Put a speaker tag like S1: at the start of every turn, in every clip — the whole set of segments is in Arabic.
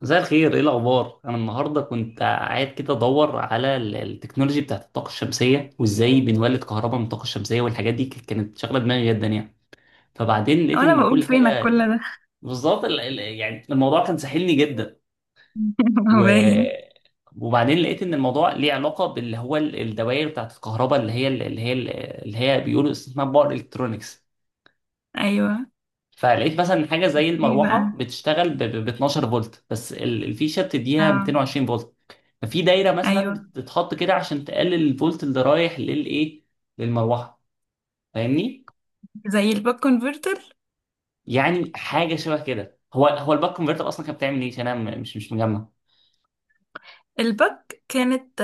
S1: مساء الخير، ايه الاخبار؟ انا النهارده كنت قاعد كده ادور على التكنولوجي بتاعت الطاقه الشمسيه وازاي بنولد كهرباء من الطاقه الشمسيه، والحاجات دي كانت شاغله دماغي جدا يعني. فبعدين لقيت
S2: وانا
S1: ان
S2: بقول
S1: كل
S2: فينك كل
S1: حاجه
S2: ده.
S1: بالظبط. يعني الموضوع كان ساحلني جدا.
S2: هو
S1: و
S2: باين.
S1: وبعدين لقيت ان الموضوع ليه علاقه باللي هو الدوائر بتاعت الكهرباء اللي هي اللي هي بيقولوا اسمها باور الكترونكس.
S2: ايوه.
S1: فلقيت مثلا حاجه زي
S2: ايه
S1: المروحه
S2: بقى.
S1: بتشتغل ب 12 فولت، بس الفيشه بتديها
S2: اه.
S1: 220 فولت. ففي دايره مثلا
S2: ايوه،
S1: بتتحط كده عشان تقلل الفولت اللي رايح للايه، للمروحه. فاهمني؟
S2: زي الباك كونفرتر.
S1: يعني حاجه شبه كده. هو الباك كونفرتر اصلا كانت بتعمل ايه؟ عشان انا مش مجمع.
S2: الباك كانت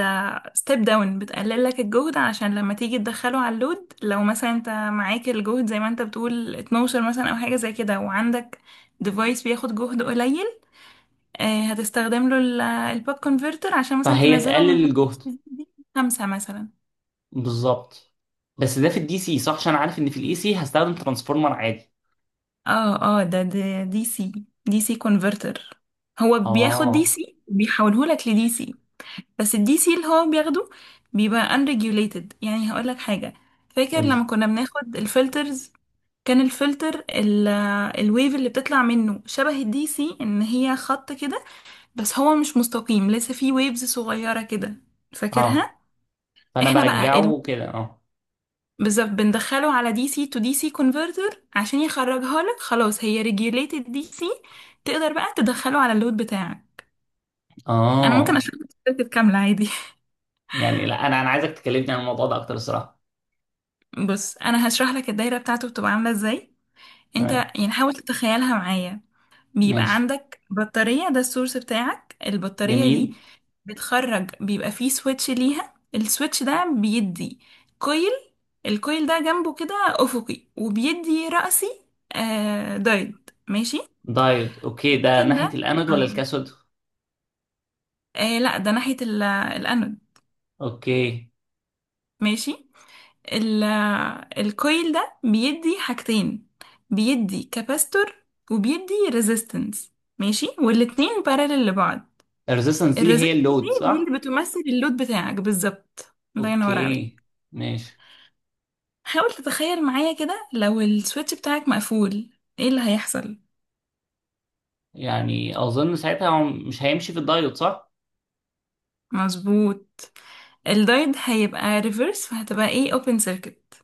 S2: ستيب داون، بتقلل لك الجهد عشان لما تيجي تدخله على اللود. لو مثلا انت معاك الجهد زي ما انت بتقول 12 مثلا او حاجه زي كده، وعندك ديفايس بياخد جهد قليل، آه، هتستخدم له الباك كونفرتر عشان مثلا
S1: فهي
S2: تنزله
S1: تقلل
S2: من
S1: الجهد.
S2: خمسة مثلا.
S1: بالظبط. بس ده في الدي سي صح؟ عشان انا عارف ان في الاي سي هستخدم ترانسفورمر عادي.
S2: اه، ده دي سي. دي سي كونفرتر. هو بياخد دي
S1: اه.
S2: سي بيحوله لك لدي سي. بس الدي سي اللي هو بياخده بيبقى unregulated. يعني هقول لك حاجة، فاكر
S1: قول
S2: لما
S1: لي.
S2: كنا بناخد الفلترز؟ كان الفلتر الويف اللي بتطلع منه شبه الدي سي، ان هي خط كده، بس هو مش مستقيم، لسه فيه ويفز صغيرة كده،
S1: اه.
S2: فاكرها؟
S1: فانا
S2: احنا بقى
S1: برجعه كده، اه.
S2: بالظبط بندخله على دي سي تو دي سي كونفرتر عشان يخرجها لك، خلاص هي ريجيوليتد دي سي. تقدر بقى تدخله على اللود بتاعك. انا ممكن
S1: اه
S2: اشرح لك السيركت كامله عادي.
S1: يعني لا، انا عايزك تكلمني عن الموضوع ده اكتر الصراحه.
S2: بص انا هشرح لك الدايره بتاعته بتبقى عامله ازاي. انت
S1: تمام.
S2: يعني حاول تتخيلها معايا. بيبقى
S1: ماشي.
S2: عندك بطاريه، ده السورس بتاعك، البطاريه دي
S1: جميل.
S2: بتخرج، بيبقى فيه سويتش ليها، السويتش ده بيدي كويل. الكويل ده جنبه كده افقي، وبيدي رأسي، آه دايد، ماشي.
S1: دايود، اوكي. ده
S2: الكويل
S1: ناحيه
S2: ده،
S1: الانود ولا
S2: اه،
S1: الكاثود؟
S2: إيه لا، ده ناحية الانود.
S1: اوكي.
S2: ماشي. ال- الكويل ده بيدي حاجتين، بيدي كاباستور وبيدي ريزيستنس. ماشي، والاتنين بارالل لبعض.
S1: الريزيستنس دي هي
S2: الريزيستنس
S1: اللود
S2: دي
S1: صح؟
S2: اللي بتمثل اللود بتاعك، بالظبط الله ينور
S1: اوكي،
S2: عليك.
S1: ماشي.
S2: حاول تتخيل معايا كده، لو السويتش بتاعك مقفول، ايه اللي هيحصل؟
S1: يعني اظن ساعتها هو مش هيمشي في الدايود صح؟
S2: مظبوط. الدايد هيبقى ريفرس، فهتبقى ايه اوبن سيركت.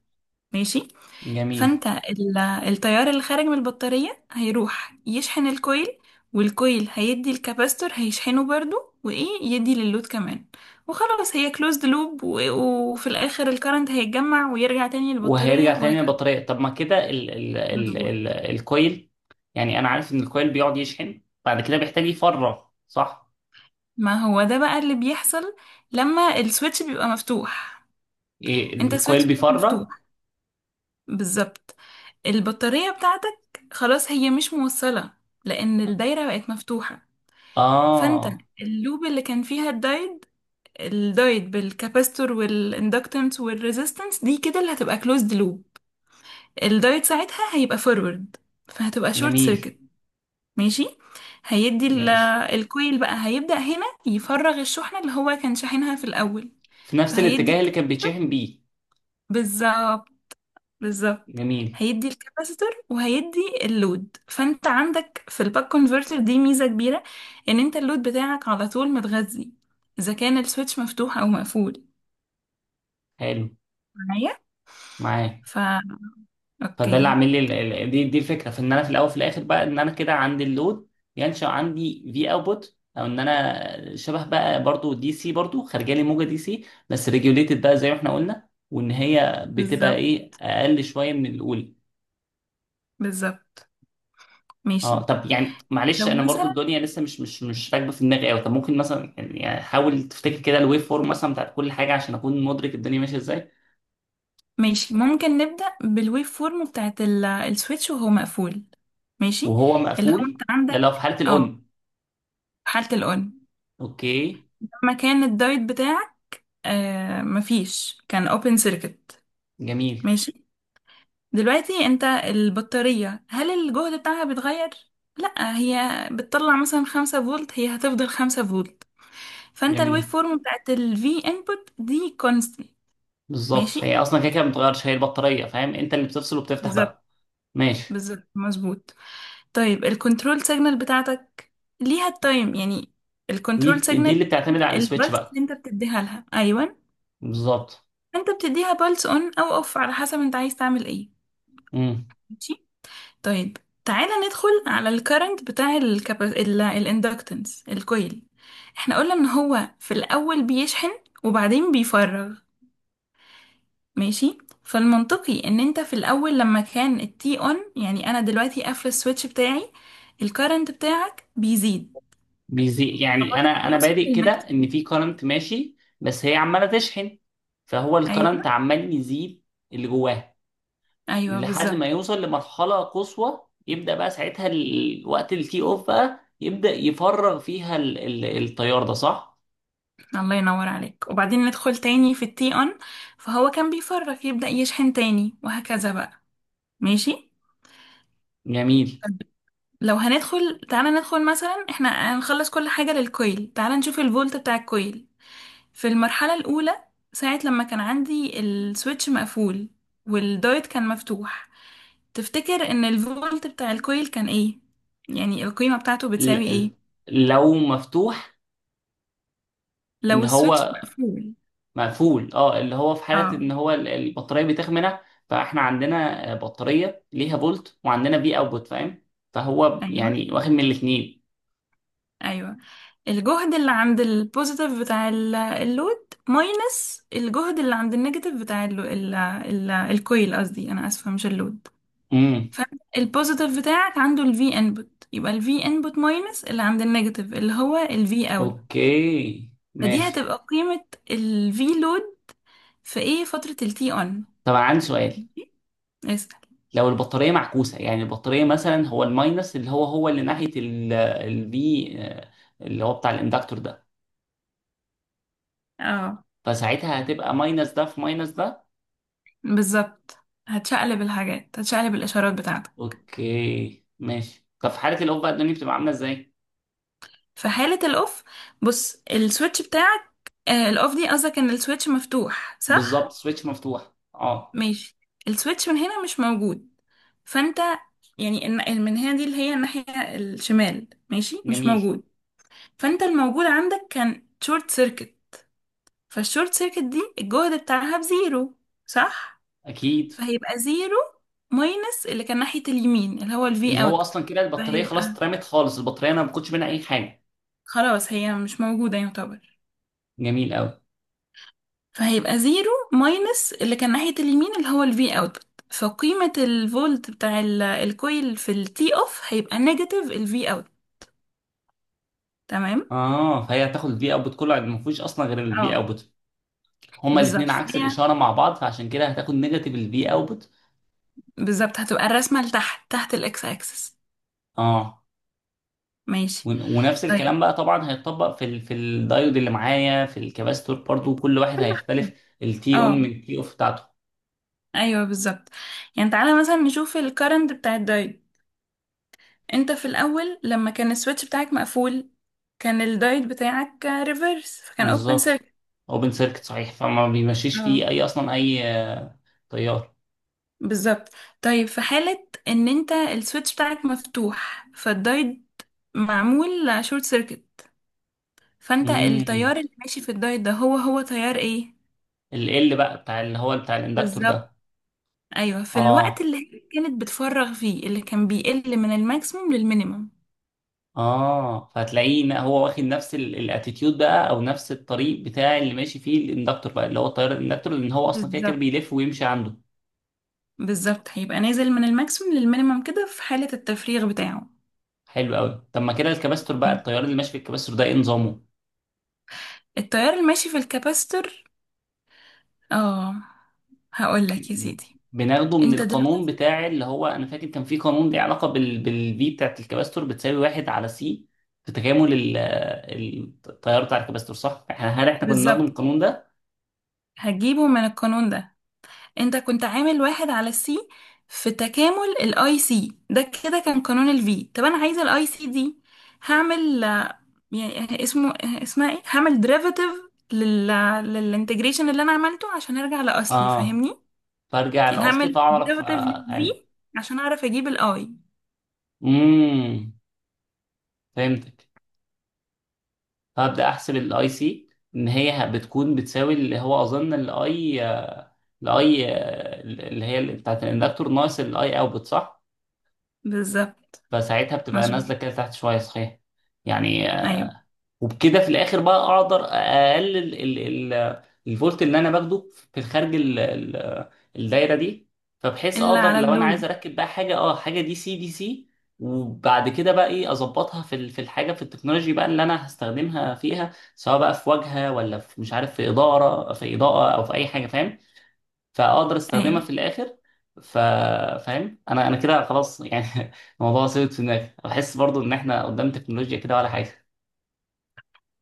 S2: ماشي.
S1: جميل.
S2: فانت التيار اللي خارج من البطارية هيروح يشحن الكويل، والكويل هيدي الكاباستور هيشحنه برضو، وايه يدي للود كمان، وخلاص هي كلوزد لوب، وفي الاخر الكرنت هيتجمع ويرجع تاني للبطارية
S1: وهيرجع تاني
S2: وهكذا.
S1: للبطاريه. طب ما كده ال ال ال ال
S2: مظبوط.
S1: الكويل، يعني انا عارف ان الكويل بيقعد يشحن بعد كده بيحتاج يفرغ صح؟
S2: ما هو ده بقى اللي بيحصل لما السويتش بيبقى مفتوح.
S1: إيه،
S2: انت
S1: الكويل
S2: السويتش بتاعك
S1: بيفرغ؟
S2: مفتوح، بالظبط، البطارية بتاعتك خلاص هي مش موصلة، لان الدايرة بقت مفتوحة. فانت
S1: اه.
S2: اللوب اللي كان فيها الدايت، الدايت بالكاباستور والاندكتنس والريزيستنس دي كده اللي هتبقى كلوزد لوب. الدايت ساعتها هيبقى فورورد، فهتبقى شورت
S1: جميل.
S2: سيركت. ماشي. هيدي
S1: ماشي.
S2: الكويل بقى هيبدأ هنا يفرغ الشحنة اللي هو كان شاحنها في الأول.
S1: في نفس
S2: فهيدي
S1: الاتجاه
S2: ك-
S1: اللي كان بيتشحن بيه.
S2: بالظبط. بالظبط.
S1: جميل.
S2: هيدي الكاباسيتور وهيدي اللود. فانت عندك في الباك كونفرتر دي ميزة كبيرة، ان انت اللود بتاعك على طول متغذي، اذا كان السويتش مفتوح او مقفول.
S1: حلو.
S2: معايا.
S1: معاه.
S2: فا،
S1: فده اللي
S2: اوكي.
S1: عامل لي دي الفكره، في ان انا في الاول في الاخر بقى ان انا كده عندي اللود ينشا عندي في اوتبوت، او ان انا شبه بقى برضو دي سي، برضو خارجه لي موجه دي سي بس ريجوليتد بقى زي ما احنا قلنا، وان هي بتبقى
S2: بالظبط
S1: ايه، اقل شويه من الاولى.
S2: بالظبط.
S1: اه
S2: ماشي.
S1: طب يعني معلش،
S2: لو
S1: انا برضو
S2: مثلا،
S1: الدنيا لسه مش راكبه في دماغي قوي. طب ممكن مثلا يعني حاول تفتكر كده الويف فورم مثلا بتاعت كل حاجه عشان اكون مدرك الدنيا ماشيه ازاي.
S2: ماشي، ممكن نبدأ بالويف فورم بتاعت السويتش وهو مقفول. ماشي.
S1: وهو
S2: اللي هو انت
S1: مقفول؟ لا،
S2: عندك،
S1: لو في حالة
S2: اه،
S1: الأون.
S2: حالة الأون.
S1: أوكي.
S2: لما كان الدايت بتاعك آه مفيش، كان اوبن سيركت.
S1: جميل.
S2: ماشي. دلوقتي انت البطارية، هل الجهد بتاعها بيتغير؟ لا، هي بتطلع مثلا خمسة فولت، هي هتفضل خمسة فولت. فانت الويف
S1: جميل.
S2: فورم بتاعت الفي انبوت دي constant.
S1: بالظبط، هي
S2: ماشي.
S1: أصلا كده كده ما بتغيرش هي البطارية. فاهم؟ أنت اللي بتفصل وبتفتح
S2: بالظبط
S1: بقى. ماشي.
S2: بالظبط مظبوط. طيب الكنترول سيجنال بتاعتك، ليها التايم يعني
S1: دي
S2: الكنترول
S1: دي
S2: سيجنال،
S1: اللي بتعتمد على السويتش
S2: البلس
S1: بقى.
S2: اللي انت بتديها لها ايوه.
S1: بالظبط.
S2: انت بتديها بلس اون او اوف على حسب انت عايز تعمل ايه.
S1: امم
S2: ماشي. طيب تعالى ندخل على الكرنت بتاع الاندكتنس، الكويل. احنا قلنا ان هو في الاول بيشحن وبعدين بيفرغ. ماشي. فالمنطقي ان انت في الاول لما كان التي اون، يعني انا دلوقتي قافله السويتش بتاعي، الكرنت بتاعك بيزيد
S1: بيزي، يعني أنا
S2: لغايه ما يوصل
S1: بادئ كده إن
S2: للماكسيمم.
S1: في كرنت ماشي بس هي عمالة تشحن. فهو الكرنت
S2: ايوه.
S1: عمال يزيد. اللي جواها.
S2: ايوه
S1: ولحد ما
S2: بالظبط
S1: يوصل لمرحلة قصوى، يبدأ بقى ساعتها وقت التي أوف بقى يبدأ يفرغ فيها التيار ده صح؟
S2: الله ينور عليك. وبعدين ندخل تاني في التي اون، فهو كان بيفرغ يبدا يشحن تاني وهكذا بقى. ماشي.
S1: جميل.
S2: طب لو هندخل، تعالى ندخل مثلا، احنا هنخلص كل حاجه للكويل. تعالى نشوف الفولت بتاع الكويل في المرحلة الأولى، ساعة لما كان عندي السويتش مقفول والدايت كان مفتوح. تفتكر إن الفولت بتاع الكويل كان إيه؟ يعني القيمة بتاعته بتساوي
S1: ال-
S2: إيه؟
S1: ال- لو مفتوح، ان
S2: لو السويتش
S1: هو
S2: مقفول.
S1: مقفول اه، اللي هو في حاله
S2: اه.
S1: ان هو البطاريه بتخمنه. فاحنا عندنا بطاريه ليها فولت، وعندنا في اوتبوت. فاهم؟ فهو
S2: أيوه.
S1: يعني واخد من الاثنين.
S2: أيوه. الجهد اللي عند البوزيتيف بتاع اللود ماينس الجهد اللي عند النيجاتيف بتاع ال ال ال الكويل، قصدي، أنا آسفة، مش اللود.
S1: امم
S2: فالبوزيتيف بتاعك عنده الفي انبوت، يبقى الفي انبوت ماينس اللي عند النيجاتيف اللي هو الفي اوت.
S1: اوكي
S2: فدي
S1: ماشي.
S2: هتبقى قيمة الفي لود في ايه فترة التي اون.
S1: طب عندي سؤال،
S2: اسأل.
S1: لو البطاريه معكوسه، يعني البطاريه مثلا هو الماينس اللي هو اللي ناحيه الفي، اللي هو بتاع الاندكتور ده،
S2: اه.
S1: فساعتها هتبقى ماينس ده في ماينس ده.
S2: بالظبط، هتشقلب الحاجات، هتشقلب الاشارات بتاعتك.
S1: اوكي ماشي. طب في حالة الأوف بقى الدنيا بتبقى عاملة ازاي؟
S2: في حالة الاوف، بص السويتش بتاعك، آه الاوف دي قصدك ان السويتش مفتوح صح.
S1: بالظبط، سويتش مفتوح اه.
S2: ماشي. السويتش من هنا مش موجود، فانت يعني من هنا دي اللي هي الناحية الشمال، ماشي مش
S1: جميل.
S2: موجود. فانت الموجود عندك كان شورت سيركت، فالشورت سيركت دي الجهد بتاعها بزيرو، صح؟
S1: أكيد.
S2: فهيبقى زيرو ماينس اللي كان ناحية اليمين اللي هو
S1: اللي
S2: الفي
S1: هو
S2: اوت.
S1: أصلا كده البطارية خلاص
S2: فهيبقى
S1: اترمت خالص، البطارية أنا ما باخدش منها أي حاجة.
S2: خلاص هي مش موجودة يعتبر.
S1: جميل أوي.
S2: فهيبقى زيرو ماينس اللي كان ناحية اليمين اللي هو الفي اوت، فقيمة الفولت بتاع الكويل في التي اوف هيبقى نيجاتيف الفي اوت. تمام.
S1: اه فهي هتاخد الفي اوتبوت كله، ما فيهوش اصلا غير الفي
S2: اه.
S1: اوتبوت. هما
S2: بالظبط
S1: الاثنين عكس
S2: فهي
S1: الاشاره مع بعض، فعشان كده هتاخد نيجاتيف الفي اوتبوت.
S2: بالظبط، هتبقى الرسمة لتحت، تحت الاكس اكسس.
S1: اه.
S2: ماشي.
S1: ونفس
S2: طيب.
S1: الكلام بقى طبعا هيتطبق في ال في الدايود اللي معايا، في الكباستور برضو، كل واحد هيختلف التي اون من
S2: اه
S1: التي اوف بتاعته.
S2: ايوه بالظبط. يعني تعالى مثلا نشوف الكرنت بتاع الدايت. انت في الاول لما كان السويتش بتاعك مقفول، كان الدايت بتاعك ريفرس، فكان اوبن
S1: بالظبط.
S2: سيركت.
S1: اوبن سيركت صحيح، فما بيمشيش
S2: اه.
S1: فيه اي، اصلا اي تيار.
S2: بالظبط. طيب في حالة ان انت السويتش بتاعك مفتوح، فالدايت معمول شورت سيركت، فانت
S1: امم
S2: التيار اللي ماشي في الدايت ده هو هو تيار ايه.
S1: ال بقى بتاع اللي هو بتاع الاندكتور
S2: بالظبط.
S1: ده.
S2: ايوه في الوقت
S1: اه.
S2: اللي هي كانت بتفرغ فيه اللي كان بيقل من الماكسيموم للمينيمم.
S1: اه، فهتلاقيه إن هو واخد نفس الاتيتيود بقى او نفس الطريق بتاع اللي ماشي فيه الاندكتور بقى، اللي هو التيار الاندكتور، لان هو اصلا كده كده
S2: بالظبط
S1: بيلف ويمشي عنده.
S2: بالظبط هيبقى نازل من الماكسيموم للمينيمم كده في حالة التفريغ بتاعه.
S1: حلو قوي. طب ما كده الكباستور بقى، التيار اللي ماشي في الكباستور ده ايه نظامه؟
S2: التيار الماشي في الكباستور، اه، هقول لك يا سيدي.
S1: بناخده من
S2: انت
S1: القانون
S2: دلوقتي،
S1: بتاع اللي هو انا فاكر كان في قانون ليه علاقه بال بالفي بتاعت الكباستور، بتساوي واحد على سي في تكامل التيار بتاع الكباستور صح؟ احنا هل احنا كنا بناخده من
S2: بالظبط،
S1: القانون ده؟
S2: هتجيبه من القانون ده. انت كنت عامل واحد على السي في تكامل الاي سي، ده كده كان قانون الفي، طب انا عايزه الاي سي دي، هعمل آه، يعني اسمه اسمها ايه، هعمل ديريفاتيف لل للانتجريشن اللي انا عملته عشان ارجع لاصلي
S1: اه
S2: فاهمني.
S1: فارجع
S2: يعني
S1: لاصلي،
S2: هعمل
S1: فاعرف
S2: ديريفاتيف
S1: آه، يعني.
S2: للفي عشان اعرف اجيب الاي.
S1: امم فهمتك. فابدا احسب الاي سي ان هي بتكون بتساوي اللي هو اظن الاي، الاي اللي هي بتاعت الاندكتور ناقص الاي اوتبوت صح؟
S2: بالظبط
S1: فساعتها بتبقى
S2: مظبوط.
S1: نازله كده تحت شويه صحيح. يعني.
S2: ايوه.
S1: وبكده في الاخر بقى اقدر اقلل ال ال الفولت اللي انا باخده في الخارج ال ال الدايره دي، فبحيث
S2: الا
S1: اقدر
S2: على
S1: لو انا عايز
S2: اللود.
S1: اركب بقى حاجه اه حاجه دي سي دي سي، وبعد كده بقى ايه اظبطها في في الحاجه في التكنولوجي بقى اللي انا هستخدمها فيها، سواء بقى في واجهه ولا في مش عارف في اداره في اضاءه او في اي حاجه فاهم. فاقدر استخدمها
S2: ايوه.
S1: في الاخر. ف فاهم؟ انا كده خلاص يعني. الموضوع ثابت في دماغي. بحس برضو ان احنا قدام تكنولوجيا كده ولا حاجه.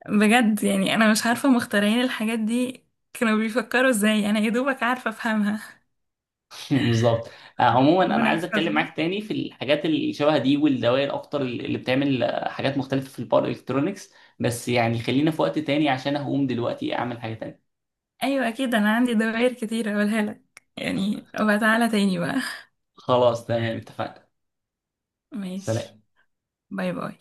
S2: بجد يعني انا مش عارفه مخترعين الحاجات دي كانوا بيفكروا ازاي، انا يا دوبك عارفه افهمها.
S1: بالظبط. آه، عموما انا
S2: ربنا
S1: عايز اتكلم
S2: يحفظهم.
S1: معاك تاني في الحاجات اللي شبه دي والدوائر اكتر اللي بتعمل آه، حاجات مختلفه في الباور الكترونكس، بس يعني خلينا في وقت تاني عشان هقوم دلوقتي اعمل حاجه تانية.
S2: ايوه اكيد انا عندي دوائر كتير اقولها لك، يعني وتعالى تاني بقى.
S1: خلاص، تمام اتفقنا.
S2: ماشي.
S1: سلام.
S2: باي باي.